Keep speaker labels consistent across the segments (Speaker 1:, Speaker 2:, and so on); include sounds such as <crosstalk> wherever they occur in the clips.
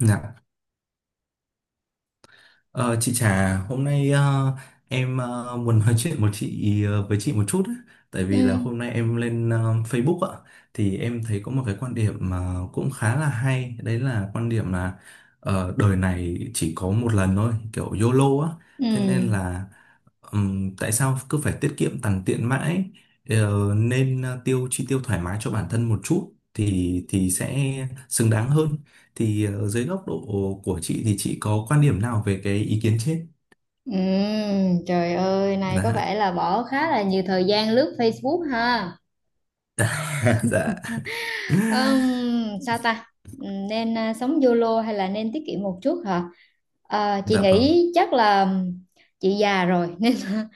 Speaker 1: Dạ. Ờ, chị Trà, hôm nay em muốn nói chuyện với chị một chút ấy. Tại
Speaker 2: Ừ.
Speaker 1: vì là hôm nay em lên Facebook ạ, thì em thấy có một cái quan điểm mà cũng khá là hay, đấy là quan điểm là đời này chỉ có một lần thôi, kiểu YOLO á.
Speaker 2: Ừ.
Speaker 1: Thế nên là, tại sao cứ phải tiết kiệm tằn tiện mãi? Nên chi tiêu thoải mái cho bản thân một chút thì sẽ xứng đáng hơn, thì dưới góc độ của chị thì chị có quan điểm nào về cái ý kiến trên?
Speaker 2: Ừ. Trời ơi, này có
Speaker 1: Dạ.
Speaker 2: vẻ là bỏ khá là nhiều thời gian lướt Facebook ha.
Speaker 1: <laughs> Dạ.
Speaker 2: Sao ta? Nên sống YOLO hay là nên tiết kiệm một chút hả? À, chị
Speaker 1: Dạ vâng.
Speaker 2: nghĩ chắc là chị già rồi <laughs> nên là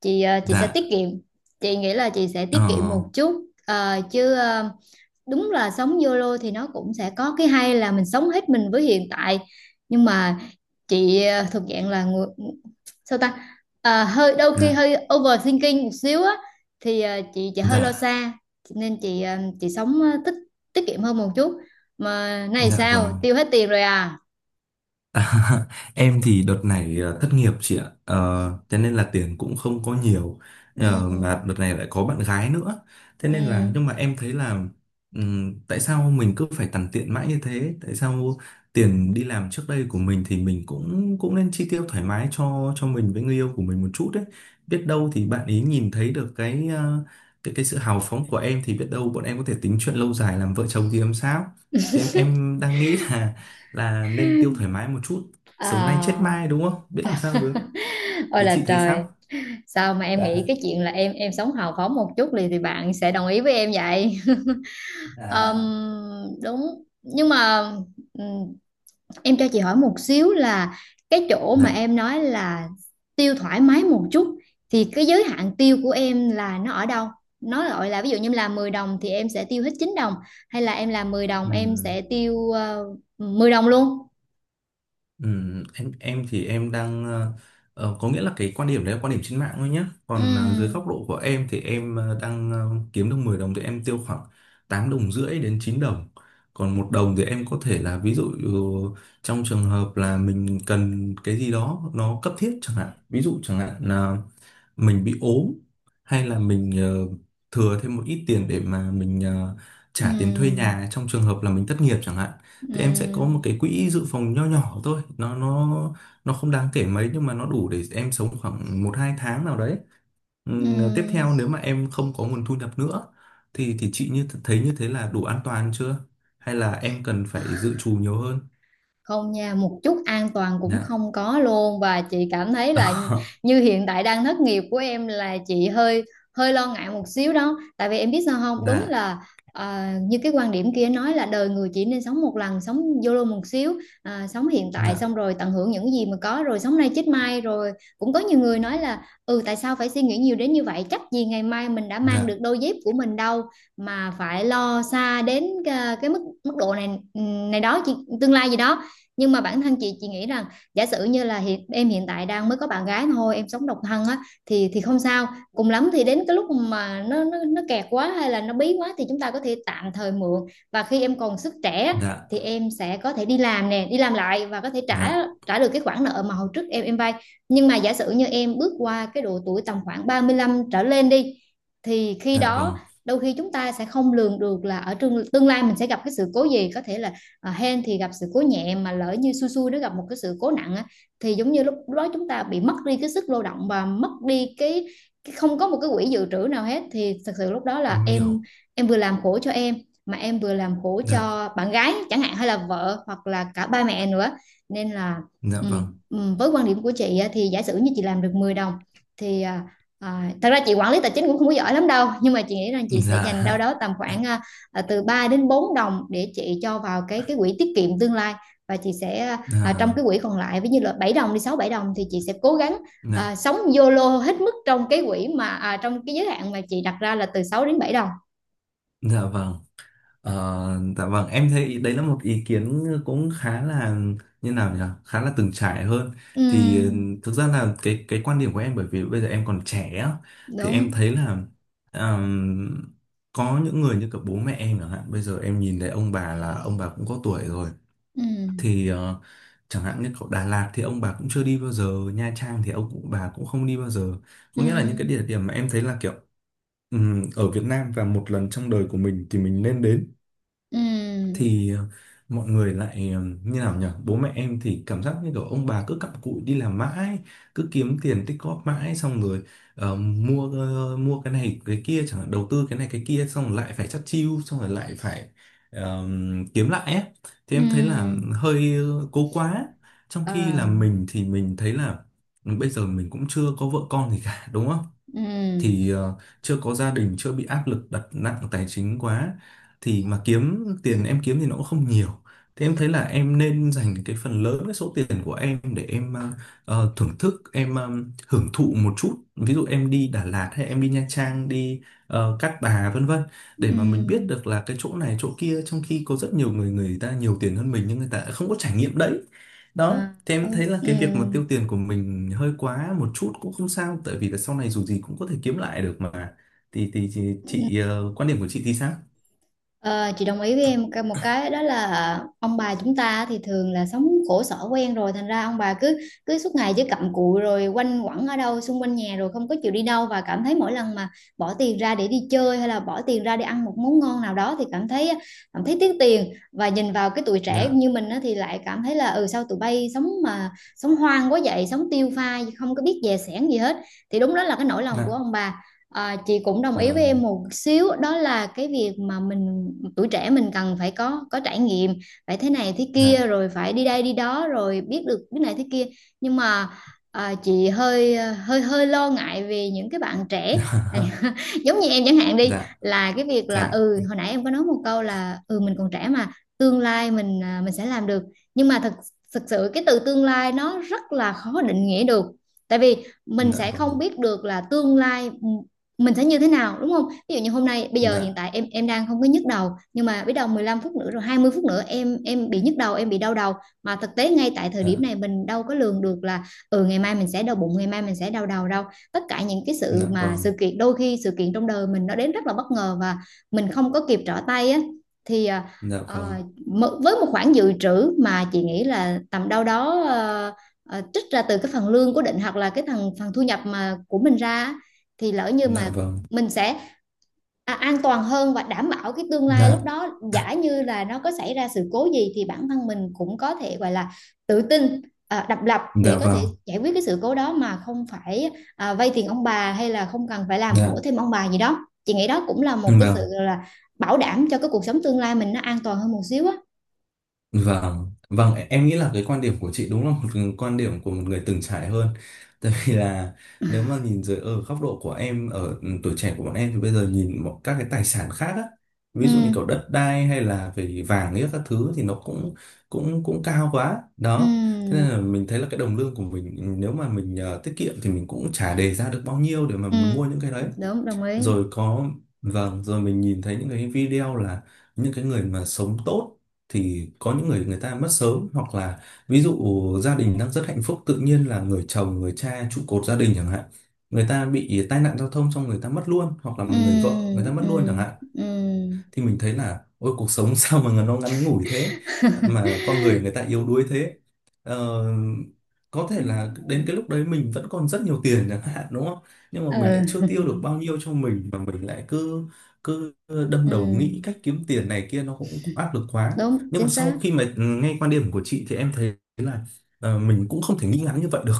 Speaker 2: chị sẽ
Speaker 1: Dạ.
Speaker 2: tiết kiệm. Chị nghĩ là chị sẽ
Speaker 1: Ờ.
Speaker 2: tiết kiệm một chút. Đúng là sống YOLO thì nó cũng sẽ có cái hay là mình sống hết mình với hiện tại. Nhưng mà chị thuộc dạng là người sao ta À, hơi đôi khi
Speaker 1: Dạ.
Speaker 2: hơi overthinking một xíu á thì chị hơi lo
Speaker 1: Dạ.
Speaker 2: xa nên chị sống ờ, tích tiết kiệm hơn một chút mà này
Speaker 1: Dạ
Speaker 2: sao
Speaker 1: vâng.
Speaker 2: tiêu hết tiền rồi à.
Speaker 1: À, <laughs> em thì đợt này thất nghiệp chị ạ. Ờ, cho nên là tiền cũng không có nhiều. Mà
Speaker 2: Ừ.
Speaker 1: đợt này lại có bạn gái nữa, thế nên là
Speaker 2: Ừ.
Speaker 1: nhưng mà em thấy là tại sao mình cứ phải tằn tiện mãi như thế? Tại sao tiền đi làm trước đây của mình thì mình cũng cũng nên chi tiêu thoải mái cho mình với người yêu của mình một chút đấy? Biết đâu thì bạn ấy nhìn thấy được cái ờ, cái sự hào phóng của em thì biết đâu bọn em có thể tính chuyện lâu dài làm vợ chồng thì làm sao. Thì em đang nghĩ là nên tiêu thoải mái một chút. Sống nay chết
Speaker 2: À.
Speaker 1: mai, đúng không biết làm sao được.
Speaker 2: <laughs> Ôi
Speaker 1: Thế
Speaker 2: là
Speaker 1: chị thấy
Speaker 2: trời.
Speaker 1: sao?
Speaker 2: Sao mà em nghĩ
Speaker 1: Dạ.
Speaker 2: cái chuyện là em sống hào phóng một chút thì bạn sẽ đồng ý với em vậy? <laughs>
Speaker 1: À,
Speaker 2: Ờm, đúng nhưng mà ừ, em cho chị hỏi một xíu là cái chỗ mà
Speaker 1: dạ.
Speaker 2: em nói là tiêu thoải mái một chút thì cái giới hạn tiêu của em là nó ở đâu? Nó gọi là ví dụ như em làm 10 đồng thì em sẽ tiêu hết 9 đồng hay là em làm 10 đồng em
Speaker 1: Ừm,
Speaker 2: sẽ tiêu 10 đồng luôn.
Speaker 1: em thì em đang có nghĩa là cái quan điểm đấy là quan điểm trên mạng thôi nhé. Còn dưới
Speaker 2: Ừm.
Speaker 1: góc độ của em thì em đang kiếm được 10 đồng thì em tiêu khoảng 8 đồng rưỡi đến 9 đồng. Còn 1 đồng thì em có thể là ví dụ, trong trường hợp là mình cần cái gì đó nó cấp thiết chẳng hạn. Ví dụ chẳng hạn mình bị ốm, hay là mình thừa thêm một ít tiền để mà mình trả tiền thuê
Speaker 2: Ừm.
Speaker 1: nhà trong trường hợp là mình thất nghiệp chẳng hạn, thì em sẽ có một
Speaker 2: Ừm.
Speaker 1: cái quỹ dự phòng nho nhỏ thôi, nó không đáng kể mấy nhưng mà nó đủ để em sống khoảng một hai tháng nào đấy. Tiếp
Speaker 2: Ừm.
Speaker 1: theo nếu mà em không có nguồn thu nhập nữa, thì chị như thấy như thế là đủ an toàn chưa, hay là em cần phải dự trù nhiều hơn?
Speaker 2: Không nha, một chút an toàn cũng
Speaker 1: Dạ.
Speaker 2: không có luôn và chị cảm thấy là
Speaker 1: <laughs>
Speaker 2: như hiện tại đang thất nghiệp của em là chị hơi hơi lo ngại một xíu đó. Tại vì em biết sao không, đúng
Speaker 1: Dạ.
Speaker 2: là như cái quan điểm kia nói là đời người chỉ nên sống một lần, sống YOLO một xíu, sống hiện
Speaker 1: Dạ.
Speaker 2: tại xong rồi tận hưởng những gì mà có rồi sống nay chết mai rồi cũng có nhiều người nói là ừ tại sao phải suy nghĩ nhiều đến như vậy, chắc gì ngày mai mình đã mang được
Speaker 1: Dạ.
Speaker 2: đôi dép của mình đâu mà phải lo xa đến cái mức mức độ này, này đó chị, tương lai gì đó. Nhưng mà bản thân chị nghĩ rằng giả sử như là hiện tại đang mới có bạn gái thôi, em sống độc thân á, thì không sao. Cùng lắm thì đến cái lúc mà nó kẹt quá hay là nó bí quá thì chúng ta có thể tạm thời mượn và khi em còn sức trẻ á,
Speaker 1: Dạ.
Speaker 2: thì em sẽ có thể đi làm nè, đi làm lại và có thể
Speaker 1: Dạ.
Speaker 2: trả trả được cái khoản nợ mà hồi trước em vay. Nhưng mà giả sử như em bước qua cái độ tuổi tầm khoảng 35 trở lên đi thì khi
Speaker 1: Dạ
Speaker 2: đó
Speaker 1: vâng.
Speaker 2: đôi khi chúng ta sẽ không lường được là ở tương tương lai mình sẽ gặp cái sự cố gì. Có thể là hên thì gặp sự cố nhẹ mà lỡ như xui xui nó gặp một cái sự cố nặng á, thì giống như lúc đó chúng ta bị mất đi cái sức lao động và mất đi cái không có một cái quỹ dự trữ nào hết thì thật sự lúc đó là
Speaker 1: Em
Speaker 2: em
Speaker 1: hiểu.
Speaker 2: em vừa làm khổ cho em mà em vừa làm khổ
Speaker 1: Dạ,
Speaker 2: cho bạn gái chẳng hạn hay là vợ hoặc là cả ba mẹ nữa nên là
Speaker 1: dạ
Speaker 2: ừ.
Speaker 1: vâng,
Speaker 2: Ừ, với quan điểm của chị thì giả sử như chị làm được 10 đồng thì à, thật ra chị quản lý tài chính cũng không có giỏi lắm đâu nhưng mà chị nghĩ rằng chị sẽ
Speaker 1: dạ,
Speaker 2: dành đâu đó tầm khoảng từ 3 đến 4 đồng để chị cho vào cái quỹ tiết kiệm tương lai và chị sẽ trong
Speaker 1: dạ,
Speaker 2: cái quỹ còn lại ví như là 7 đồng đi, 6-7 đồng thì chị sẽ cố gắng
Speaker 1: dạ,
Speaker 2: sống YOLO hết mức trong cái quỹ trong cái giới hạn mà chị đặt ra là từ 6 đến 7 đồng.
Speaker 1: dạ vâng, ờ, dạ vâng. Em thấy đấy là một ý kiến cũng khá là, như nào nhỉ, khá là từng trải hơn. Thì
Speaker 2: Ừ,
Speaker 1: thực ra là cái quan điểm của em, bởi vì bây giờ em còn trẻ á, thì em
Speaker 2: đúng.
Speaker 1: thấy là, ờm, có những người như cả bố mẹ em chẳng hạn, bây giờ em nhìn thấy ông bà là ông bà cũng có tuổi rồi.
Speaker 2: Ừ.
Speaker 1: Thì chẳng hạn như ở Đà Lạt thì ông bà cũng chưa đi bao giờ, Nha Trang thì ông bà cũng không đi bao giờ.
Speaker 2: Ừ.
Speaker 1: Có nghĩa là những cái địa điểm mà em thấy là kiểu, ở Việt Nam và một lần trong đời của mình thì mình nên đến,
Speaker 2: Ừ.
Speaker 1: thì mọi người lại như nào nhỉ, bố mẹ em thì cảm giác như kiểu ông bà cứ cặm cụi đi làm mãi, cứ kiếm tiền tích góp mãi, xong rồi mua cái này cái kia chẳng hạn, đầu tư cái này cái kia, xong rồi lại phải chắt chiu, xong rồi lại phải ờ, kiếm lại ấy. Thì
Speaker 2: Ừ.
Speaker 1: em thấy là hơi cố quá, trong khi
Speaker 2: À.
Speaker 1: là mình thì mình thấy là bây giờ mình cũng chưa có vợ con gì cả đúng không,
Speaker 2: Ừ.
Speaker 1: thì chưa có gia đình, chưa bị áp lực đặt nặng tài chính quá, thì mà kiếm tiền em kiếm thì nó cũng không nhiều. Thế em thấy là em nên dành cái phần lớn cái số tiền của em để em ờ, ờ, thưởng thức em ờ, hưởng thụ một chút, ví dụ em đi Đà Lạt hay em đi Nha Trang, đi Cát Bà vân vân, để mà mình biết
Speaker 2: Ừ.
Speaker 1: được là cái chỗ này chỗ kia, trong khi có rất nhiều người, người ta nhiều tiền hơn mình nhưng người ta không có trải nghiệm đấy. Đó,
Speaker 2: À.
Speaker 1: thì em
Speaker 2: Ừ.
Speaker 1: thấy là cái việc mà
Speaker 2: Ừ.
Speaker 1: tiêu tiền của mình hơi quá một chút cũng không sao, tại vì là sau này dù gì cũng có thể kiếm lại được mà. Thì chị, quan điểm của chị thì sao?
Speaker 2: Ờ, chị đồng ý với em một cái đó là ông bà chúng ta thì thường là sống khổ sở quen rồi thành ra ông bà cứ cứ suốt ngày chỉ cặm cụi rồi quanh quẩn ở đâu xung quanh nhà rồi không có chịu đi đâu và cảm thấy mỗi lần mà bỏ tiền ra để đi chơi hay là bỏ tiền ra để ăn một món ngon nào đó thì cảm thấy tiếc tiền và nhìn vào cái tuổi trẻ
Speaker 1: Dạ.
Speaker 2: như mình á, thì lại cảm thấy là ừ sao tụi bay sống mà sống hoang quá vậy, sống tiêu pha không có biết dè sẻn gì hết. Thì đúng đó là cái nỗi lòng của
Speaker 1: Dạ
Speaker 2: ông bà. À, chị cũng đồng ý với em
Speaker 1: vâng.
Speaker 2: một xíu đó là cái việc mà mình tuổi trẻ mình cần phải có trải nghiệm, phải thế này thế
Speaker 1: Dạ.
Speaker 2: kia rồi phải đi đây đi đó rồi biết được cái này thế kia. Nhưng mà chị hơi hơi hơi lo ngại về những cái bạn trẻ
Speaker 1: <laughs>
Speaker 2: <laughs> giống như em chẳng hạn đi,
Speaker 1: Dạ.
Speaker 2: là cái việc là
Speaker 1: Dạ.
Speaker 2: ừ hồi nãy em có nói một câu là ừ mình còn trẻ mà tương lai mình mình sẽ làm được. Nhưng mà thực sự cái từ tương lai nó rất là khó định nghĩa được tại vì mình
Speaker 1: Dạ
Speaker 2: sẽ không
Speaker 1: vâng.
Speaker 2: biết được là tương lai mình sẽ như thế nào, đúng không? Ví dụ như hôm nay bây giờ hiện
Speaker 1: Dạ.
Speaker 2: tại em đang không có nhức đầu nhưng mà biết đâu 15 phút nữa rồi 20 phút nữa em bị nhức đầu, em bị đau đầu mà thực tế ngay tại thời điểm
Speaker 1: Dạ.
Speaker 2: này mình đâu có lường được là ừ ngày mai mình sẽ đau bụng, ngày mai mình sẽ đau đầu đâu. Tất cả những cái sự
Speaker 1: Dạ
Speaker 2: mà
Speaker 1: vâng.
Speaker 2: sự kiện, đôi khi sự kiện trong đời mình nó đến rất là bất ngờ và mình không có kịp trở tay á. Thì
Speaker 1: Dạ
Speaker 2: ờ,
Speaker 1: vâng.
Speaker 2: với một khoản dự trữ mà chị nghĩ là tầm đâu đó trích ra từ cái phần lương cố định hoặc là cái phần phần thu nhập mà của mình ra thì lỡ như
Speaker 1: Dạ
Speaker 2: mà
Speaker 1: vâng.
Speaker 2: mình sẽ an toàn hơn và đảm bảo cái tương
Speaker 1: Dạ.
Speaker 2: lai lúc đó, giả như là nó có xảy ra sự cố gì thì bản thân mình cũng có thể gọi là tự tin, độc lập để
Speaker 1: Dạ
Speaker 2: có
Speaker 1: vâng.
Speaker 2: thể giải quyết cái sự cố đó mà không phải vay tiền ông bà hay là không cần phải làm khổ
Speaker 1: Dạ
Speaker 2: thêm ông bà gì đó. Chị nghĩ đó cũng là một cái sự
Speaker 1: vâng.
Speaker 2: là bảo đảm cho cái cuộc sống tương lai mình nó an toàn hơn một xíu á.
Speaker 1: Vâng, vâng, em nghĩ là cái quan điểm của chị đúng là một quan điểm của một người từng trải hơn. <laughs> Tại vì là nếu mà nhìn dưới ở góc độ của em, ở tuổi trẻ của bọn em thì bây giờ nhìn một các cái tài sản khác á,
Speaker 2: Ừ.
Speaker 1: ví dụ như kiểu đất đai hay là về vàng ấy các thứ thì nó cũng cũng cũng cao quá. Đó. Thế
Speaker 2: Ừ.
Speaker 1: nên là mình thấy là cái đồng lương của mình, nếu mà mình tiết kiệm thì mình cũng chả đề ra được bao nhiêu để mà
Speaker 2: Ừ,
Speaker 1: mình mua những cái đấy,
Speaker 2: đúng, đồng ý.
Speaker 1: rồi có, vâng, rồi mình nhìn thấy những cái video là những cái người mà sống tốt, thì có những người, người ta mất sớm, hoặc là ví dụ gia đình đang rất hạnh phúc, tự nhiên là người chồng, người cha trụ cột gia đình chẳng hạn, người ta bị tai nạn giao thông xong người ta mất luôn, hoặc là một người vợ người
Speaker 2: Ừ.
Speaker 1: ta mất luôn chẳng
Speaker 2: Ừ.
Speaker 1: hạn.
Speaker 2: Ừ.
Speaker 1: Thì mình thấy là ôi cuộc sống <laughs> sao mà nó ngắn ngủi thế, mà con người, người ta yếu đuối thế. Ờ, có thể là đến cái lúc đấy mình vẫn còn rất nhiều tiền chẳng hạn đúng không, nhưng mà
Speaker 2: Ừ.
Speaker 1: mình lại chưa tiêu được bao
Speaker 2: <laughs>
Speaker 1: nhiêu cho mình, mà mình lại cứ cứ đâm
Speaker 2: Ừ.
Speaker 1: đầu nghĩ cách kiếm tiền này kia, nó cũng áp lực quá.
Speaker 2: Đúng
Speaker 1: Nhưng mà
Speaker 2: chính
Speaker 1: sau
Speaker 2: xác.
Speaker 1: khi mà nghe quan điểm của chị thì em thấy là mình cũng không thể nghĩ ngắn như vậy được,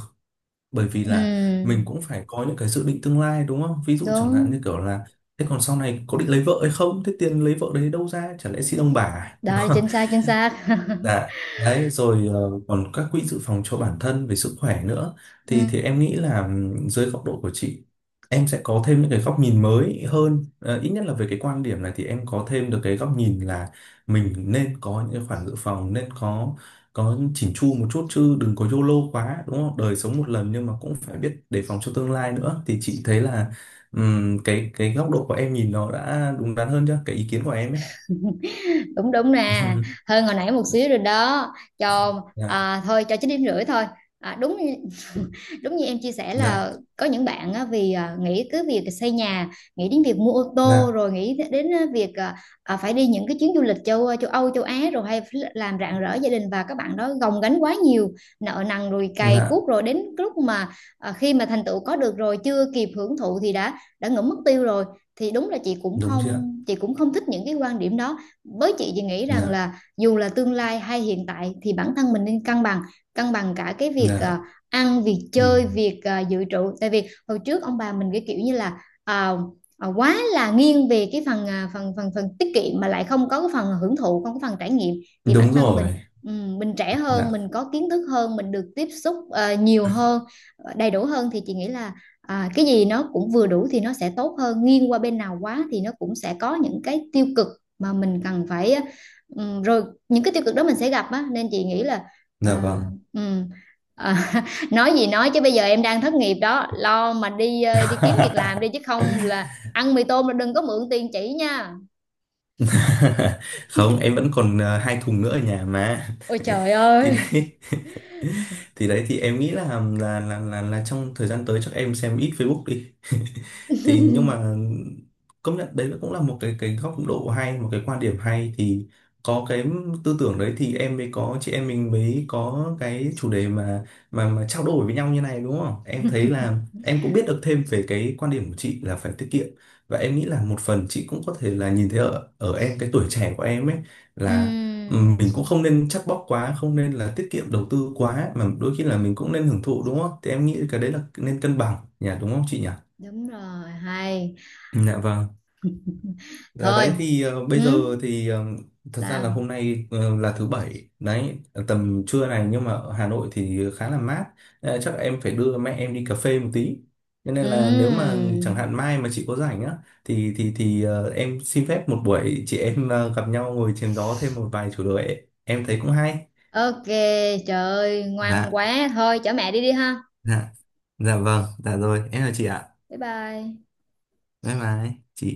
Speaker 1: bởi vì là
Speaker 2: Ừ,
Speaker 1: mình cũng phải có những cái dự định tương lai đúng không, ví dụ chẳng hạn như
Speaker 2: đúng
Speaker 1: kiểu là, thế còn sau này có định lấy vợ hay không, thế tiền lấy vợ đấy đâu ra, chả lẽ xin ông bà à?
Speaker 2: đó,
Speaker 1: <laughs>
Speaker 2: chính xác chính xác.
Speaker 1: Dạ, đấy rồi, còn các quỹ dự phòng cho bản thân về sức khỏe nữa,
Speaker 2: Ừ.
Speaker 1: thì em nghĩ là dưới góc độ của chị, em sẽ có thêm những cái góc nhìn mới hơn. Ờ, Ít nhất là về cái quan điểm này thì em có thêm được cái góc nhìn là mình nên có những cái khoản dự phòng, nên có chỉn chu một chút, chứ đừng có YOLO quá đúng không? Đời sống một lần nhưng mà cũng phải biết đề phòng cho tương lai nữa, thì chị thấy là, cái góc độ của em nhìn nó đã đúng đắn hơn chưa? Cái ý kiến của em ấy.
Speaker 2: <laughs> đúng đúng nè,
Speaker 1: <laughs>
Speaker 2: hơn hồi nãy một xíu rồi đó cho
Speaker 1: Dạ,
Speaker 2: thôi cho 9,5 điểm thôi. À, đúng, đúng như em chia sẻ
Speaker 1: dạ,
Speaker 2: là có những bạn á, nghĩ cứ việc xây nhà, nghĩ đến việc mua ô tô
Speaker 1: dạ.
Speaker 2: rồi nghĩ đến việc phải đi những cái chuyến du lịch châu châu Âu châu Á rồi hay phải làm rạng rỡ gia đình và các bạn đó gồng gánh quá nhiều nợ nần rồi cày
Speaker 1: Dạ.
Speaker 2: cuốc rồi đến lúc mà khi mà thành tựu có được rồi chưa kịp hưởng thụ thì đã ngưỡng mất tiêu rồi thì đúng là chị cũng
Speaker 1: Đúng chưa ạ?
Speaker 2: không chị cũng không thích những cái quan điểm đó. Với chị thì nghĩ rằng
Speaker 1: Dạ.
Speaker 2: là dù là tương lai hay hiện tại thì bản thân mình nên cân bằng, cân bằng cả cái việc
Speaker 1: Dạ.
Speaker 2: ăn, việc
Speaker 1: Ừ.
Speaker 2: chơi, việc dự trữ tại vì hồi trước ông bà mình cái kiểu như là à, quá là nghiêng về cái phần à, phần phần phần tiết kiệm mà lại không có cái phần hưởng thụ, không có phần trải nghiệm thì
Speaker 1: Đúng
Speaker 2: bản thân
Speaker 1: rồi.
Speaker 2: mình trẻ hơn,
Speaker 1: Dạ.
Speaker 2: mình có kiến thức hơn, mình được tiếp xúc nhiều hơn, ờ, đầy đủ hơn thì chị nghĩ là cái gì nó cũng vừa đủ thì nó sẽ tốt hơn, nghiêng qua bên nào quá thì nó cũng sẽ có những cái tiêu cực mà mình cần phải rồi những cái tiêu cực đó mình sẽ gặp á nên chị nghĩ là
Speaker 1: Dạ
Speaker 2: à,
Speaker 1: vâng.
Speaker 2: ừm, à, nói gì nói chứ bây giờ em đang thất nghiệp đó, lo mà đi đi kiếm việc làm đi chứ
Speaker 1: <laughs>
Speaker 2: không là ăn mì tôm, là đừng có mượn tiền chỉ nha.
Speaker 1: <laughs> Không, em vẫn còn hai thùng nữa ở nhà mà.
Speaker 2: Ôi trời
Speaker 1: <laughs> Thì
Speaker 2: ơi.
Speaker 1: đấy. <laughs> Thì đấy, thì em nghĩ là là trong thời gian tới chắc em xem ít Facebook đi. <laughs> Thì nhưng
Speaker 2: <laughs>
Speaker 1: mà công nhận đấy cũng là một cái góc độ hay, một cái quan điểm hay, thì có cái tư tưởng đấy thì em mới có, chị em mình mới có cái chủ đề mà trao đổi với nhau như này đúng không, em thấy là em cũng biết được thêm về cái quan điểm của chị là phải tiết kiệm, và em nghĩ là một phần chị cũng có thể là nhìn thấy ở ở em cái tuổi trẻ của em ấy, là mình cũng
Speaker 2: Ừm,
Speaker 1: không nên chắt bóp quá, không nên là tiết kiệm đầu tư quá, mà đôi khi là mình cũng nên hưởng thụ đúng không, thì em nghĩ cái đấy là nên cân bằng nhỉ, đúng không chị nhỉ?
Speaker 2: đúng rồi, hay.
Speaker 1: Ừ, dạ vâng. Là
Speaker 2: Thôi.
Speaker 1: đấy thì, bây
Speaker 2: Hứ.
Speaker 1: giờ thì, thật ra là
Speaker 2: Sao?
Speaker 1: hôm nay, là thứ bảy đấy, tầm trưa này nhưng mà ở Hà Nội thì khá là mát. Chắc em phải đưa mẹ em đi cà phê một tí, cho nên là nếu mà chẳng
Speaker 2: Ừm.
Speaker 1: hạn mai mà chị có rảnh á thì em xin phép một buổi, chị em gặp nhau ngồi chém gió thêm một vài chủ đề em thấy cũng hay.
Speaker 2: OK, trời ơi ngoan
Speaker 1: Dạ.
Speaker 2: quá, thôi chở mẹ đi đi ha.
Speaker 1: Dạ. Dạ vâng. Dạ rồi em là chị ạ.
Speaker 2: Bye bye.
Speaker 1: Bye bye chị.